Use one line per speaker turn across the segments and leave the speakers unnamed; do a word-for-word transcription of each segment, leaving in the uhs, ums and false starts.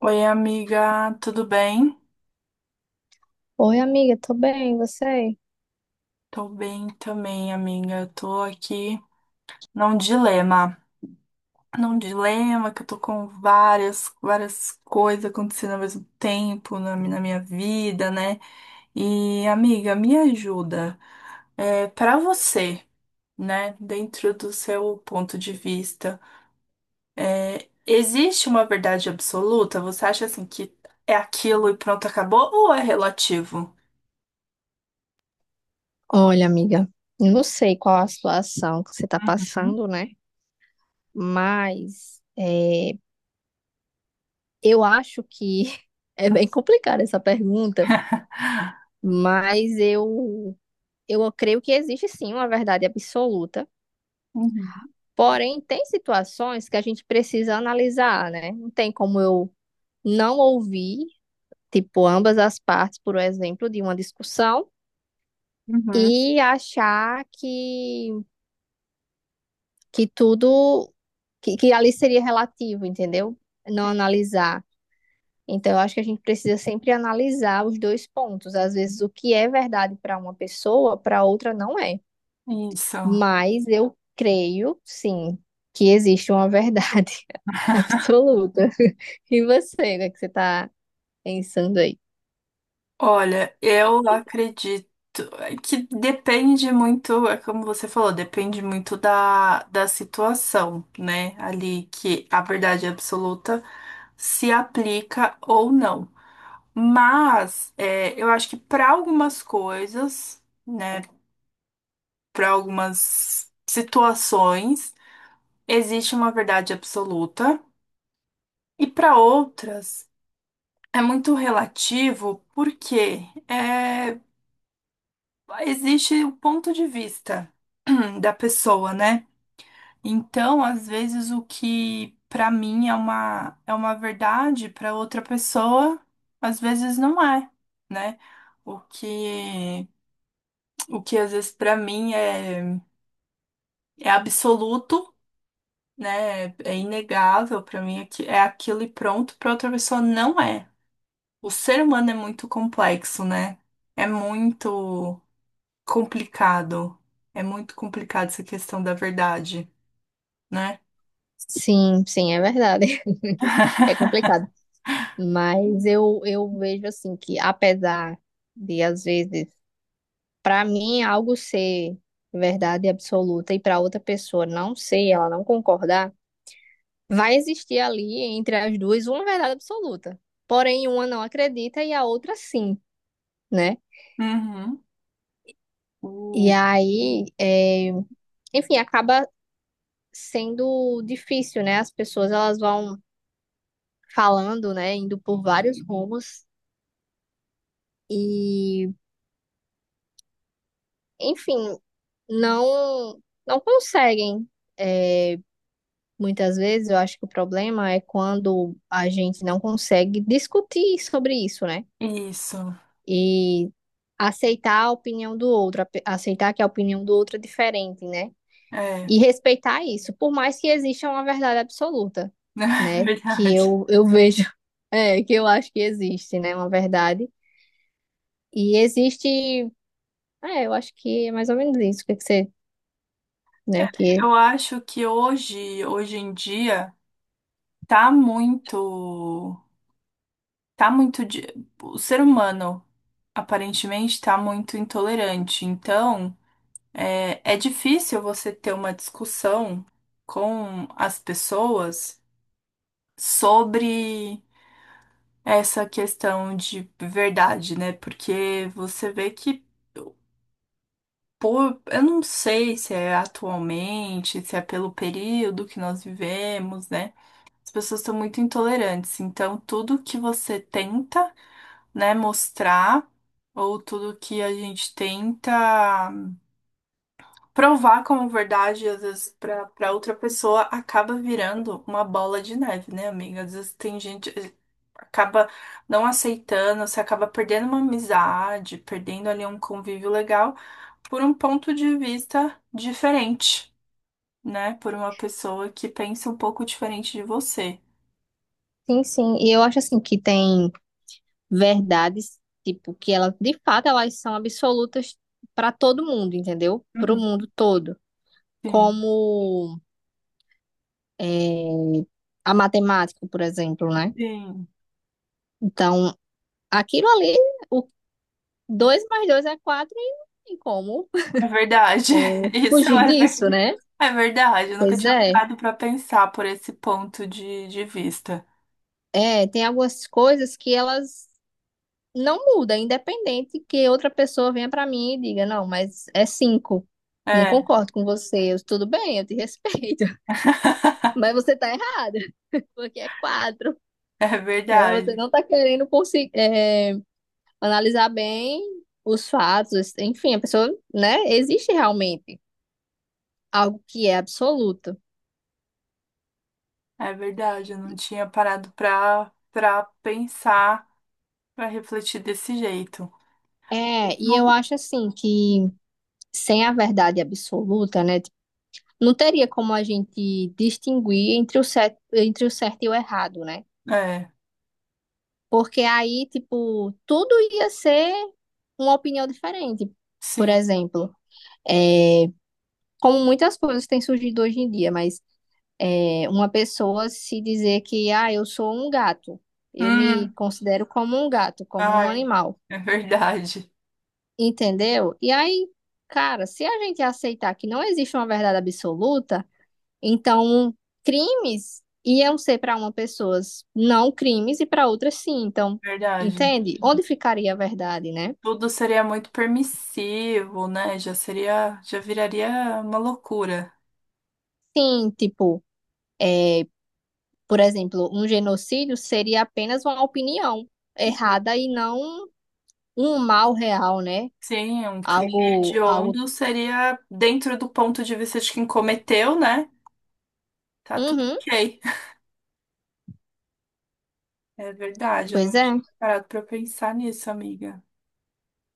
Oi, amiga, tudo bem?
Oi, amiga, tô bem, e você?
Tô bem também, amiga. Tô aqui num dilema. Num dilema que eu tô com várias, várias coisas acontecendo ao mesmo tempo na, mi- na minha vida, né? E, amiga, me ajuda. É, para você, né, dentro do seu ponto de vista, é, existe uma verdade absoluta? Você acha assim que é aquilo e pronto, acabou? Ou é relativo?
Olha, amiga, eu não sei qual a situação que você tá
Uhum,
passando, né? Mas é, eu acho que é bem complicada essa pergunta, mas eu, eu creio que existe sim uma verdade absoluta.
uhum.
Porém, tem situações que a gente precisa analisar, né? Não tem como eu não ouvir, tipo, ambas as partes, por exemplo, de uma discussão e achar que que tudo, que, que ali seria relativo, entendeu? Não analisar. Então, eu acho que a gente precisa sempre analisar os dois pontos. Às vezes, o que é verdade para uma pessoa, para outra não é.
Uhum, isso.
Mas eu creio, sim, que existe uma verdade absoluta. E você, né, que você está pensando aí?
Olha, eu acredito é que depende muito, é como você falou, depende muito da, da situação, né? Ali que a verdade absoluta se aplica ou não. Mas é, eu acho que para algumas coisas, né? Para algumas situações, existe uma verdade absoluta, e para outras é muito relativo, porque é, existe o ponto de vista da pessoa, né? Então, às vezes, o que pra mim é uma, é uma verdade, pra outra pessoa, às vezes não é, né? O que, o que às vezes pra mim é, é absoluto, né? É inegável, pra mim é, que- é aquilo e pronto, pra outra pessoa não é. O ser humano é muito complexo, né? É muito complicado. É muito complicado essa questão da verdade, né?
Sim, sim, é verdade. É complicado. Mas eu, eu vejo assim que, apesar de, às vezes, para mim, é algo ser verdade absoluta e para outra pessoa não ser, ela não concordar, vai existir ali entre as duas uma verdade absoluta. Porém, uma não acredita e a outra sim, né?
Uhum.
E
O-
aí, é, enfim, acaba sendo difícil, né? As pessoas elas vão falando, né? Indo por vários rumos e, enfim, não não conseguem. é, Muitas vezes eu acho que o problema é quando a gente não consegue discutir sobre isso, né?
Isso,
E aceitar a opinião do outro, ape- aceitar que a opinião do outro é diferente, né?
é,
E respeitar isso, por mais que exista uma verdade absoluta,
na
né? Que
verdade.
eu, eu vejo, é, que eu acho que existe, né? Uma verdade. E existe, é, eu acho que é mais ou menos isso, que que você, né? Que,
Eu acho que hoje, hoje em dia, tá muito, tá muito, de- o ser humano aparentemente tá muito intolerante. Então, é, é difícil você ter uma discussão com as pessoas sobre essa questão de verdade, né? Porque você vê que, pô, eu não sei se é atualmente, se é pelo período que nós vivemos, né? As pessoas estão muito intolerantes. Então, tudo que você tenta, né, mostrar, ou tudo que a gente tenta provar como verdade, às vezes, pra, pra outra pessoa, acaba virando uma bola de neve, né, amiga? Às vezes tem gente. eh, Acaba não aceitando, você acaba perdendo uma amizade, perdendo ali um convívio legal por um ponto de vista diferente, né? Por uma pessoa que pensa um pouco diferente de você.
sim, sim. E eu acho assim que tem verdades, tipo, que elas, de fato, elas são absolutas para todo mundo, entendeu? Para o
Uhum.
mundo todo.
Sim,
Como é, a matemática, por exemplo, né?
sim.
Então, aquilo ali, o dois mais dois é quatro e não tem como
É verdade.
é,
Isso
fugir
é, ver-
disso, né?
é verdade. Eu nunca
Pois
tinha
é.
parado pra pensar por esse ponto de, de vista.
É, tem algumas coisas que elas não mudam, independente que outra pessoa venha para mim e diga, não, mas é cinco. Não
É.
concordo com você. Eu, tudo bem, eu te respeito. Mas você tá errada, porque é quatro,
É
né? Você
verdade,
não está querendo conseguir, é, analisar bem os fatos, enfim, a pessoa, né? Existe realmente algo que é absoluto.
é verdade. Eu não tinha parado pra, pra pensar, pra refletir desse jeito.
É, e eu
No,
acho assim que sem a verdade absoluta, né? Tipo, não teria como a gente distinguir entre o certo, entre o certo e o errado, né?
é,
Porque aí, tipo, tudo ia ser uma opinião diferente. Por
sim.
exemplo, é, como muitas coisas têm surgido hoje em dia, mas é, uma pessoa se dizer que, ah, eu sou um gato, eu me
Hum,
considero como um gato, como um
ai,
animal,
é verdade,
entendeu? E aí, cara, se a gente aceitar que não existe uma verdade absoluta, então crimes iam ser para uma pessoa não crimes e para outras sim, então,
verdade.
entende? Onde ficaria a verdade, né?
Tudo seria muito permissivo, né? Já seria, já viraria uma loucura.
Sim, tipo, por exemplo, um genocídio seria apenas uma opinião errada e não um mal real, né?
Sim, um crime
Algo, algo.
hediondo seria dentro do ponto de vista de quem cometeu, né? Tá tudo
Uhum,
ok. É verdade, eu
pois
não
é.
tinha parado pra pensar nisso, amiga.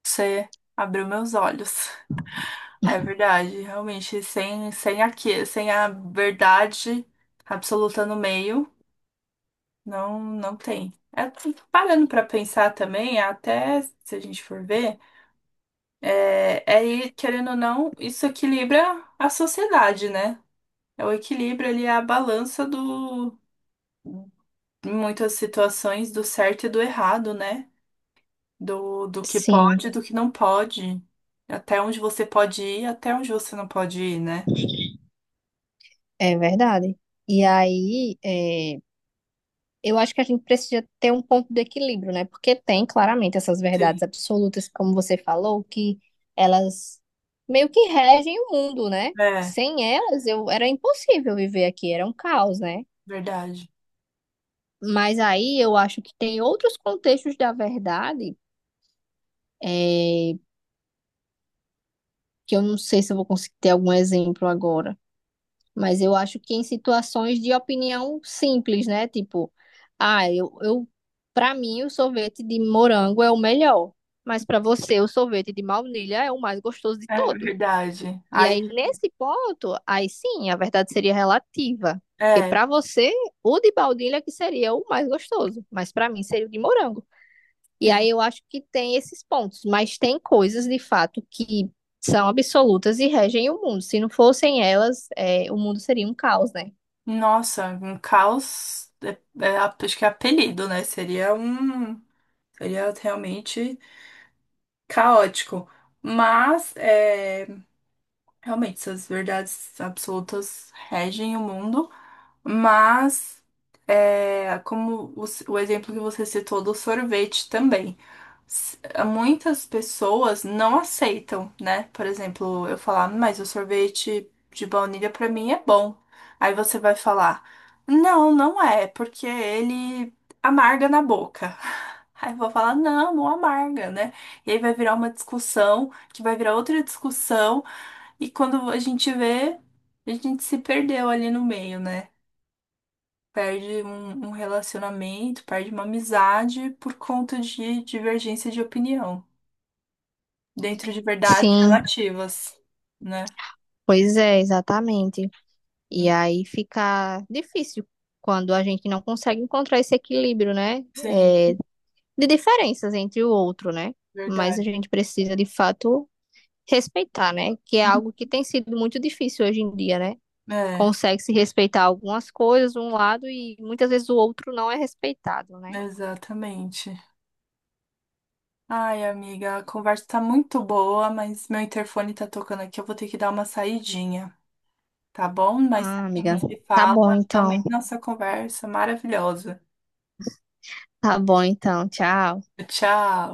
Você abriu meus olhos. Ah, é verdade, realmente, sem, sem aqui, sem a verdade absoluta no meio, não, não tem. É, parando para pensar também, até se a gente for ver, é, é aí, querendo ou não, isso equilibra a sociedade, né? É o equilíbrio ali, é a balança do, em muitas situações, do certo e do errado, né? Do, do que
Sim,
pode e do que não pode. Até onde você pode ir, até onde você não pode ir, né?
é verdade. E aí, é, eu acho que a gente precisa ter um ponto de equilíbrio, né? Porque tem claramente essas
Sim,
verdades absolutas, como você falou, que elas meio que regem o mundo, né?
é
Sem elas, eu era impossível viver aqui, era um caos, né?
verdade.
Mas aí eu acho que tem outros contextos da verdade, é, que eu não sei se eu vou conseguir ter algum exemplo agora. Mas eu acho que em situações de opinião simples, né? Tipo, ah, eu, eu para mim o sorvete de morango é o melhor, mas para você o sorvete de baunilha é o mais gostoso de
É
todo.
verdade.
E
Aí,
aí nesse ponto, aí sim, a verdade seria relativa, porque
é,
para você o de baunilha que seria o mais gostoso, mas para mim seria o de morango. E
sim.
aí eu acho que tem esses pontos, mas tem coisas de fato que são absolutas e regem o mundo. Se não fossem elas, é, o mundo seria um caos, né?
Nossa, um caos é, é, acho que é apelido, né? Seria um. Seria realmente caótico. Mas, é, realmente, essas verdades absolutas regem o mundo. Mas, é, como o, o exemplo que você citou do sorvete também. s- Muitas pessoas não aceitam, né? Por exemplo, eu falar, mas o sorvete de baunilha pra mim é bom. Aí você vai falar, não, não é, porque ele amarga na boca. Aí eu vou falar, não, não amarga, né? E aí vai virar uma discussão, que vai virar outra discussão, e quando a gente vê, a gente se perdeu ali no meio, né? Perde um, um relacionamento, perde uma amizade por conta de divergência de opinião dentro de verdades
Sim,
relativas, né?
pois é, exatamente. E aí fica difícil quando a gente não consegue encontrar esse equilíbrio, né? É,
Sim,
de diferenças entre o outro, né? Mas a
verdade.
gente precisa, de fato, respeitar, né? Que é algo que tem sido muito difícil hoje em dia, né?
É,
Consegue-se respeitar algumas coisas, um lado, e muitas vezes o outro não é respeitado, né?
exatamente. Ai, amiga, a conversa tá muito boa, mas meu interfone tá tocando aqui, eu vou ter que dar uma saidinha, tá bom? Mas a
Ah, amiga.
gente se
Tá
fala,
bom,
amei
então.
nossa conversa maravilhosa.
Tá bom, então. Tchau.
Tchau.